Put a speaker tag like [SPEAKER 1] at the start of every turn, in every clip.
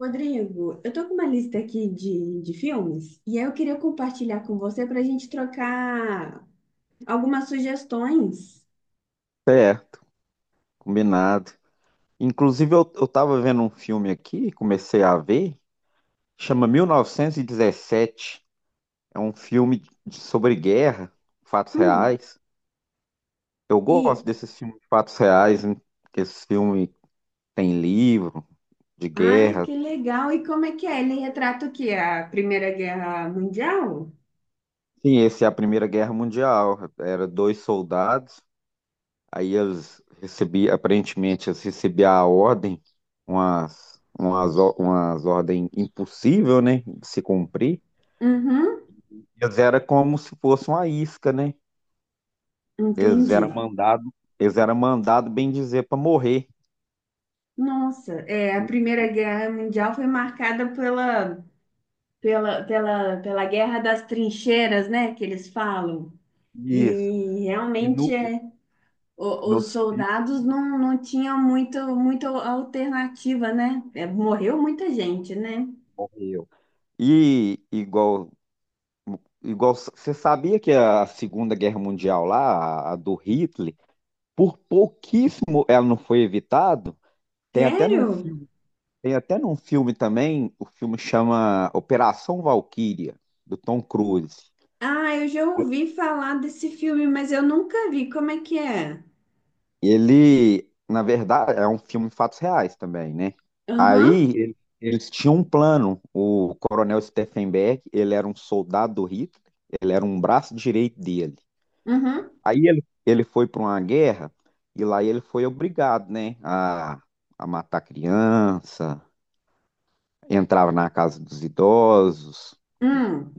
[SPEAKER 1] Rodrigo, eu tô com uma lista aqui de filmes e aí eu queria compartilhar com você para a gente trocar algumas sugestões.
[SPEAKER 2] Certo, combinado. Inclusive, eu tava vendo um filme aqui, comecei a ver, chama 1917. É um filme sobre guerra, fatos
[SPEAKER 1] Hum,
[SPEAKER 2] reais. Eu
[SPEAKER 1] e,
[SPEAKER 2] gosto desses filmes de fatos reais, né? Porque esse filme tem livro de
[SPEAKER 1] ai,
[SPEAKER 2] guerra.
[SPEAKER 1] que legal! E como é que é? Ele retrata o quê? A Primeira Guerra Mundial?
[SPEAKER 2] Sim, esse é a Primeira Guerra Mundial. Era dois soldados, aí eles recebiam, aparentemente, eles recebiam a ordem, umas ordens impossível, né, de se cumprir.
[SPEAKER 1] Uhum,
[SPEAKER 2] Eles eram como se fosse uma isca, né? Eles
[SPEAKER 1] entendi.
[SPEAKER 2] eram mandado, eles eram mandado bem dizer para morrer.
[SPEAKER 1] Nossa, é, a
[SPEAKER 2] E-
[SPEAKER 1] Primeira Guerra Mundial foi marcada pela Guerra das Trincheiras, né, que eles falam.
[SPEAKER 2] Isso.
[SPEAKER 1] E
[SPEAKER 2] E
[SPEAKER 1] realmente
[SPEAKER 2] no,
[SPEAKER 1] é os
[SPEAKER 2] nos filhos
[SPEAKER 1] soldados não tinham muita alternativa, né? É, morreu muita gente, né?
[SPEAKER 2] morreu. E igual você sabia que a Segunda Guerra Mundial lá, a do Hitler, por pouquíssimo ela não foi evitada. Tem até num
[SPEAKER 1] Sério?
[SPEAKER 2] filme, tem até num filme também, o filme chama Operação Valquíria, do Tom Cruise.
[SPEAKER 1] Ah, eu já ouvi falar desse filme, mas eu nunca vi. Como é que é?
[SPEAKER 2] E ele, na verdade, é um filme de fatos reais também, né?
[SPEAKER 1] Aham,
[SPEAKER 2] Eles tinham um plano. O Coronel Steffenberg, ele era um soldado do Hitler, ele era um braço direito dele.
[SPEAKER 1] uhum,
[SPEAKER 2] Aí ele foi para uma guerra e lá ele foi obrigado, né, a matar criança, entrava na casa dos idosos, dos
[SPEAKER 1] hum,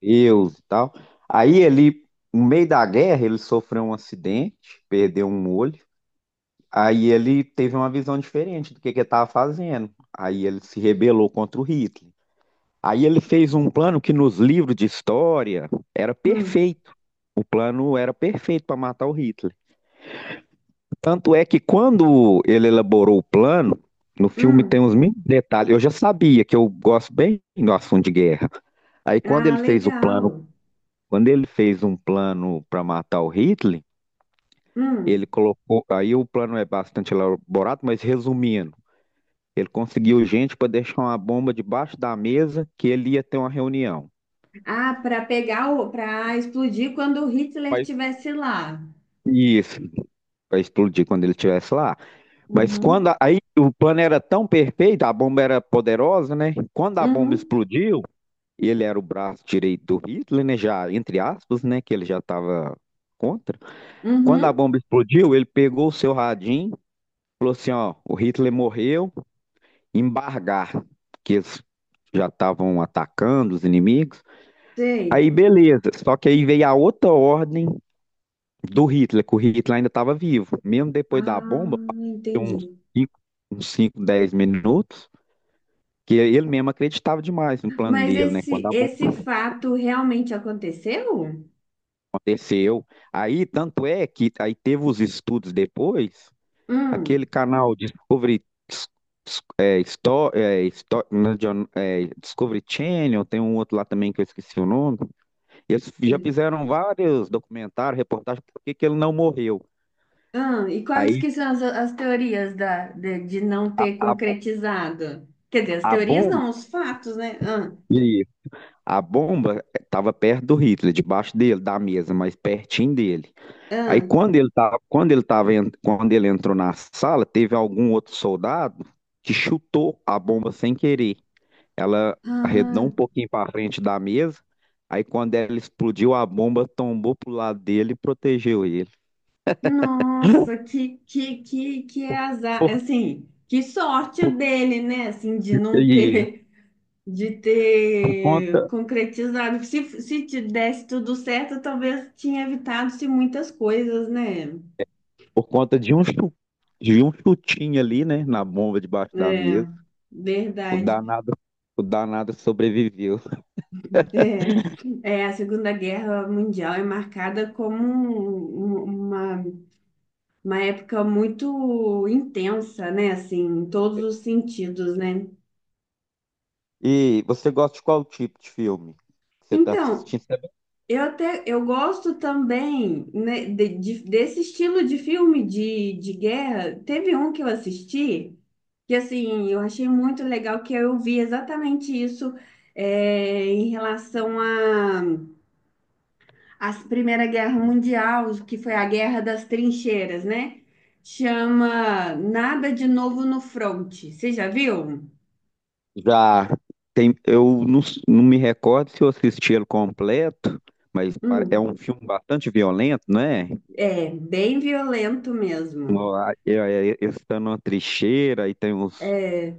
[SPEAKER 2] judeus e tal. Aí ele, no meio da guerra, ele sofreu um acidente, perdeu um olho. Aí ele teve uma visão diferente do que ele estava fazendo. Aí ele se rebelou contra o Hitler. Aí ele fez um plano que nos livros de história era
[SPEAKER 1] hum,
[SPEAKER 2] perfeito. O plano era perfeito para matar o Hitler. Tanto é que quando ele elaborou o plano, no filme tem
[SPEAKER 1] hum.
[SPEAKER 2] uns mil detalhes. Eu já sabia que eu gosto bem do assunto de guerra. Aí quando ele
[SPEAKER 1] Ah,
[SPEAKER 2] fez o plano,
[SPEAKER 1] legal.
[SPEAKER 2] quando ele fez um plano para matar o Hitler, ele
[SPEAKER 1] Hum.
[SPEAKER 2] colocou. Aí o plano é bastante elaborado, mas resumindo. Ele conseguiu gente para deixar uma bomba debaixo da mesa que ele ia ter uma reunião.
[SPEAKER 1] Ah, para pegar para explodir quando o Hitler
[SPEAKER 2] Mas-
[SPEAKER 1] estivesse lá.
[SPEAKER 2] Isso, para explodir quando ele estivesse lá. Mas quando
[SPEAKER 1] Uhum,
[SPEAKER 2] aí o plano era tão perfeito, a bomba era poderosa, né? Quando a bomba
[SPEAKER 1] uhum,
[SPEAKER 2] explodiu, ele era o braço direito do Hitler, né? Já, entre aspas, né? Que ele já estava contra. Quando a
[SPEAKER 1] uhum.
[SPEAKER 2] bomba explodiu, ele pegou o seu radinho, falou assim: ó, o Hitler morreu, embargar, que eles já estavam atacando os inimigos.
[SPEAKER 1] Sei.
[SPEAKER 2] Aí beleza, só que aí veio a outra ordem do Hitler, que o Hitler ainda estava vivo. Mesmo depois da
[SPEAKER 1] Ah,
[SPEAKER 2] bomba, uns
[SPEAKER 1] entendi.
[SPEAKER 2] 5, uns 5, 10 minutos, que ele mesmo acreditava demais no plano
[SPEAKER 1] Mas
[SPEAKER 2] dele, né? Quando
[SPEAKER 1] esse,
[SPEAKER 2] a bomba
[SPEAKER 1] esse fato realmente aconteceu?
[SPEAKER 2] aconteceu. Aí, tanto é que aí teve os estudos depois, aquele
[SPEAKER 1] Hum.
[SPEAKER 2] canal Discovery, é, Sto- não, é John- é, Discovery Channel, tem um outro lá também que eu esqueci o nome. Eles já fizeram vários documentários, reportagens, por que que ele não morreu.
[SPEAKER 1] E quais
[SPEAKER 2] Aí
[SPEAKER 1] que são as teorias de não ter
[SPEAKER 2] A, bo-
[SPEAKER 1] concretizado? Quer dizer, as
[SPEAKER 2] a
[SPEAKER 1] teorias
[SPEAKER 2] bomba,
[SPEAKER 1] não, os fatos, né?
[SPEAKER 2] e a bomba estava perto do Hitler, debaixo dele, da mesa, mas pertinho dele. Aí
[SPEAKER 1] Hum.
[SPEAKER 2] quando ele entrou na sala, teve algum outro soldado que chutou a bomba sem querer. Ela arredou
[SPEAKER 1] Ah,
[SPEAKER 2] um pouquinho para frente da mesa. Aí quando ela explodiu, a bomba tombou pro lado dele e protegeu ele.
[SPEAKER 1] nossa, que azar,
[SPEAKER 2] Por,
[SPEAKER 1] assim, que sorte
[SPEAKER 2] por,
[SPEAKER 1] dele, né? Assim, de não
[SPEAKER 2] e
[SPEAKER 1] ter, de
[SPEAKER 2] por
[SPEAKER 1] ter
[SPEAKER 2] conta,
[SPEAKER 1] concretizado. Se te desse tudo certo, talvez tinha evitado-se muitas coisas, né?
[SPEAKER 2] por conta de de um chutinho ali, né, na bomba debaixo da
[SPEAKER 1] É,
[SPEAKER 2] mesa. O
[SPEAKER 1] verdade.
[SPEAKER 2] danado, o danado sobreviveu.
[SPEAKER 1] É, é, a Segunda Guerra Mundial é marcada como uma época muito intensa, né? Assim, em todos os sentidos, né?
[SPEAKER 2] E você gosta de qual tipo de filme que você está
[SPEAKER 1] Então,
[SPEAKER 2] assistindo?
[SPEAKER 1] eu até eu gosto também, né, desse estilo de filme de guerra. Teve um que eu assisti que assim eu achei muito legal, que eu vi exatamente isso é, em relação a Primeira Guerra Mundial, que foi a Guerra das Trincheiras, né? Chama Nada de Novo no Fronte. Você já viu?
[SPEAKER 2] Já tem, eu não, s- não me recordo se eu assisti ele completo, mas é
[SPEAKER 1] Hum,
[SPEAKER 2] um filme bastante violento, não é?
[SPEAKER 1] é bem violento mesmo.
[SPEAKER 2] Ó, a- é- Eles estão numa trincheira e tem uns.
[SPEAKER 1] É,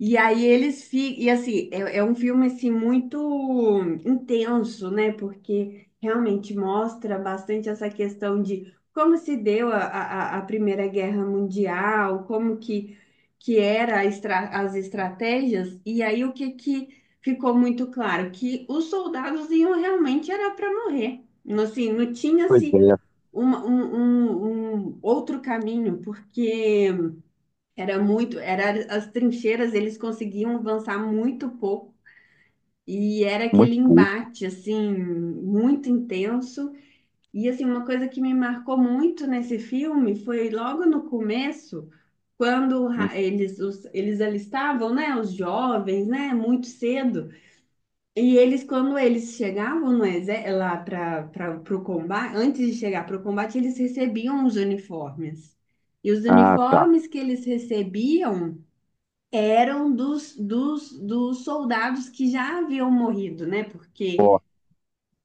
[SPEAKER 1] e aí eles ficam, e assim, é, é um filme assim muito intenso, né? Porque realmente mostra bastante essa questão de como se deu a Primeira Guerra Mundial, como que era a as estratégias, e aí o que, que ficou muito claro? Que os soldados iam realmente era para morrer. Assim, não
[SPEAKER 2] Pois
[SPEAKER 1] tinha-se
[SPEAKER 2] é,
[SPEAKER 1] uma- um, um outro caminho, porque era muito, era as trincheiras, eles conseguiam avançar muito pouco. E era
[SPEAKER 2] muito
[SPEAKER 1] aquele
[SPEAKER 2] pouco.
[SPEAKER 1] embate, assim, muito intenso. E, assim, uma coisa que me marcou muito nesse filme foi logo no começo, quando eles, os, eles alistavam, né, os jovens, né, muito cedo. E eles, quando eles chegavam no lá para o combate, antes de chegar para o combate, eles recebiam os uniformes. E os
[SPEAKER 2] Ah, tá.
[SPEAKER 1] uniformes que eles recebiam eram dos soldados que já haviam morrido, né? Porque
[SPEAKER 2] Ó,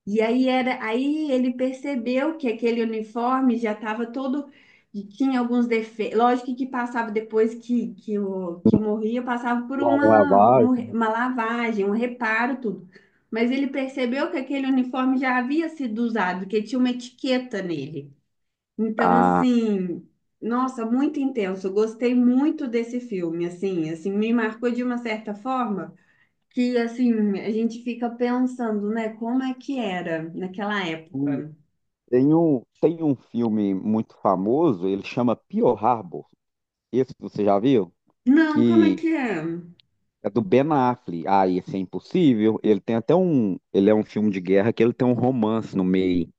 [SPEAKER 1] e aí era aí ele percebeu que aquele uniforme já estava todo e tinha alguns defeitos. Lógico que passava depois que, o, que morria, passava por
[SPEAKER 2] uma
[SPEAKER 1] uma
[SPEAKER 2] lavagem.
[SPEAKER 1] uma lavagem, um reparo, tudo. Mas ele percebeu que aquele uniforme já havia sido usado, que tinha uma etiqueta nele. Então,
[SPEAKER 2] Ah,
[SPEAKER 1] assim, nossa, muito intenso. Eu gostei muito desse filme, assim, assim, me marcou de uma certa forma que, assim, a gente fica pensando, né, como é que era naquela
[SPEAKER 2] hum,
[SPEAKER 1] época.
[SPEAKER 2] tem um filme muito famoso, ele chama Pearl Harbor. Esse você já viu?
[SPEAKER 1] Não, como é
[SPEAKER 2] Que
[SPEAKER 1] que é?
[SPEAKER 2] é do Ben Affleck. Ah, esse é impossível. Ele tem até um. Ele é um filme de guerra que ele tem um romance no meio.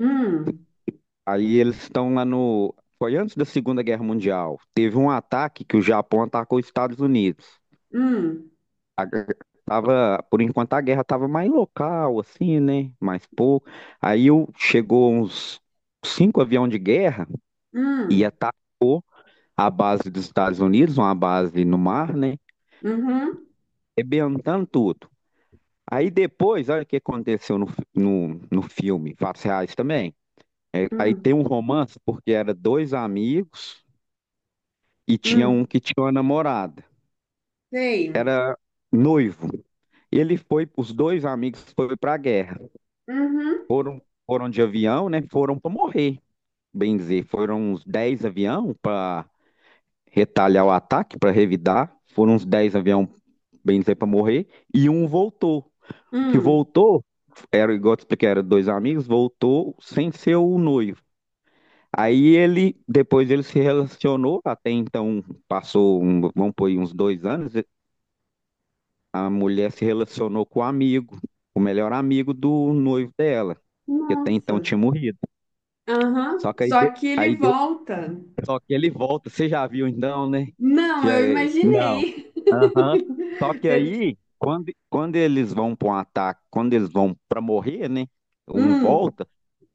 [SPEAKER 1] Hum,
[SPEAKER 2] Aí eles estão lá no. Foi antes da Segunda Guerra Mundial. Teve um ataque que o Japão atacou os Estados Unidos.
[SPEAKER 1] hum,
[SPEAKER 2] Tava, por enquanto a guerra tava mais local, assim, né? Mais pouco. Chegou uns cinco aviões de guerra, ia
[SPEAKER 1] hum,
[SPEAKER 2] estar a base dos Estados Unidos, uma base no mar, né?
[SPEAKER 1] uhum,
[SPEAKER 2] Rebentando tudo. Aí depois, olha o que aconteceu no filme, fatos reais também. É, aí
[SPEAKER 1] hum,
[SPEAKER 2] tem um romance, porque era dois amigos e tinha um
[SPEAKER 1] hum,
[SPEAKER 2] que tinha uma namorada.
[SPEAKER 1] sei,
[SPEAKER 2] Era noivo. Ele foi, os dois amigos foram para a guerra.
[SPEAKER 1] uhum,
[SPEAKER 2] Foram, foram de avião, né? Foram para morrer, bem dizer. Foram uns 10 avião para retalhar o ataque, para revidar. Foram uns 10 avião, bem dizer, para morrer. E um voltou. O que
[SPEAKER 1] hum,
[SPEAKER 2] voltou, era igual eu te expliquei, era dois amigos, voltou sem ser o noivo. Aí ele, depois ele se relacionou, até então passou, vamos pôr aí, uns 2 anos, a mulher se relacionou com o amigo, o melhor amigo do noivo dela, que até então
[SPEAKER 1] nossa,
[SPEAKER 2] tinha morrido.
[SPEAKER 1] aham,
[SPEAKER 2] Só que
[SPEAKER 1] só que ele
[SPEAKER 2] aí de-
[SPEAKER 1] volta.
[SPEAKER 2] Só que ele volta, você já viu então, né?
[SPEAKER 1] Não, eu
[SPEAKER 2] Não.
[SPEAKER 1] imaginei.
[SPEAKER 2] Aham. Só que
[SPEAKER 1] Você-
[SPEAKER 2] aí, quando eles vão para um ataque, quando eles vão para morrer, né? Um
[SPEAKER 1] Hum,
[SPEAKER 2] volta,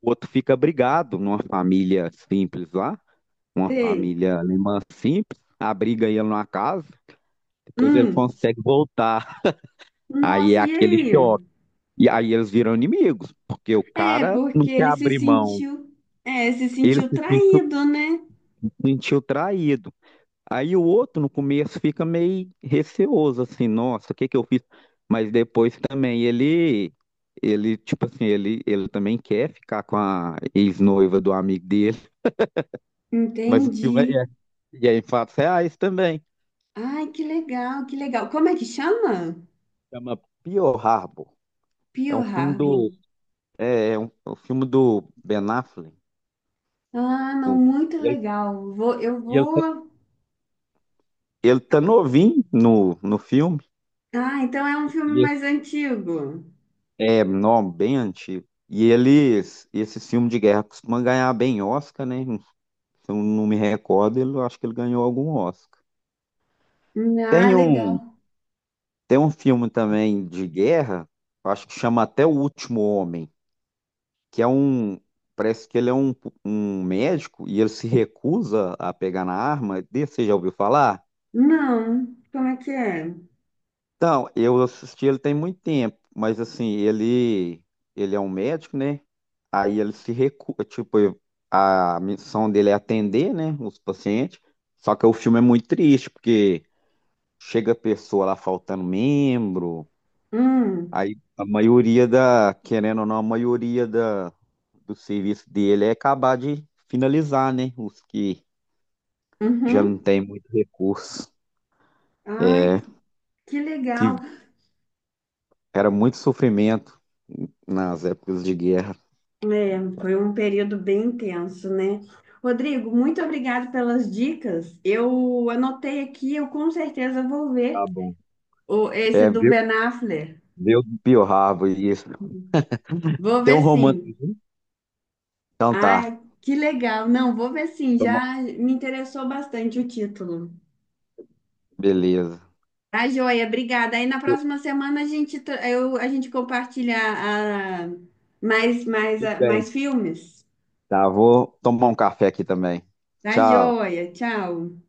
[SPEAKER 2] o outro fica brigado numa família simples lá, uma
[SPEAKER 1] sei.
[SPEAKER 2] família alemã simples, abriga ele numa casa, depois ele
[SPEAKER 1] Hum,
[SPEAKER 2] consegue voltar. Aí é
[SPEAKER 1] nossa, e
[SPEAKER 2] aquele
[SPEAKER 1] aí?
[SPEAKER 2] choque. E aí eles viram inimigos, porque o
[SPEAKER 1] É,
[SPEAKER 2] cara não
[SPEAKER 1] porque
[SPEAKER 2] quer
[SPEAKER 1] ele se
[SPEAKER 2] abrir mão.
[SPEAKER 1] sentiu, é, se
[SPEAKER 2] Ele
[SPEAKER 1] sentiu
[SPEAKER 2] se sentiu,
[SPEAKER 1] traído, né?
[SPEAKER 2] se sentiu traído. Aí o outro no começo fica meio receoso, assim, nossa, o que que eu fiz? Mas depois também tipo assim, ele também quer ficar com a ex-noiva do amigo dele. Mas o
[SPEAKER 1] Entendi.
[SPEAKER 2] filme é, é- e é em fatos reais também.
[SPEAKER 1] Ai, que legal, que legal. Como é que chama?
[SPEAKER 2] Chama Pearl Harbor. É
[SPEAKER 1] Pearl
[SPEAKER 2] um filme
[SPEAKER 1] Harbor.
[SPEAKER 2] do, é um filme do Ben Affleck.
[SPEAKER 1] Ah, não,
[SPEAKER 2] O-
[SPEAKER 1] muito
[SPEAKER 2] ele,
[SPEAKER 1] legal. Vou, eu
[SPEAKER 2] ele, tá-
[SPEAKER 1] vou.
[SPEAKER 2] ele tá novinho no filme.
[SPEAKER 1] Ah, então é um filme mais antigo.
[SPEAKER 2] É, não, bem antigo. E eles, esse filme de guerra costuma ganhar bem Oscar, né? Se eu não me recordo, eu acho que ele ganhou algum Oscar.
[SPEAKER 1] Ah,
[SPEAKER 2] Tem um,
[SPEAKER 1] legal.
[SPEAKER 2] tem um filme também de guerra, eu acho que chama até O Último Homem, que é um, parece que ele é um, um médico e ele se recusa a pegar na arma. Desse você já ouviu falar?
[SPEAKER 1] Não, como é que é?
[SPEAKER 2] Então, eu assisti ele tem muito tempo, mas assim, ele é um médico, né? Aí ele se recusa, tipo, a missão dele é atender, né, os pacientes. Só que o filme é muito triste, porque chega a pessoa lá faltando membro,
[SPEAKER 1] Hum,
[SPEAKER 2] aí a maioria da, querendo ou não, a maioria da, do serviço dele é acabar de finalizar, né? Os que já não
[SPEAKER 1] uhum.
[SPEAKER 2] tem muito recurso.
[SPEAKER 1] Ai,
[SPEAKER 2] É,
[SPEAKER 1] que legal.
[SPEAKER 2] que era muito sofrimento nas épocas de guerra.
[SPEAKER 1] Foi um período bem intenso, né? Rodrigo, muito obrigado pelas dicas. Eu anotei aqui, eu com certeza vou ver
[SPEAKER 2] Tá bom.
[SPEAKER 1] o, esse
[SPEAKER 2] É,
[SPEAKER 1] do
[SPEAKER 2] viu?
[SPEAKER 1] Ben Affleck.
[SPEAKER 2] Viu do Pio Rabo, isso.
[SPEAKER 1] Vou
[SPEAKER 2] Tem um
[SPEAKER 1] ver
[SPEAKER 2] romance.
[SPEAKER 1] sim.
[SPEAKER 2] Uhum. Então tá,
[SPEAKER 1] Ai, que legal. Não, vou ver sim.
[SPEAKER 2] toma,
[SPEAKER 1] Já me interessou bastante o título.
[SPEAKER 2] beleza.
[SPEAKER 1] Tá, joia, obrigada. Aí na
[SPEAKER 2] Eu
[SPEAKER 1] próxima semana a gente, a gente compartilha
[SPEAKER 2] tudo bem.
[SPEAKER 1] mais filmes.
[SPEAKER 2] Tá, vou tomar um café aqui também.
[SPEAKER 1] Tá,
[SPEAKER 2] Tchau.
[SPEAKER 1] joia. Tchau.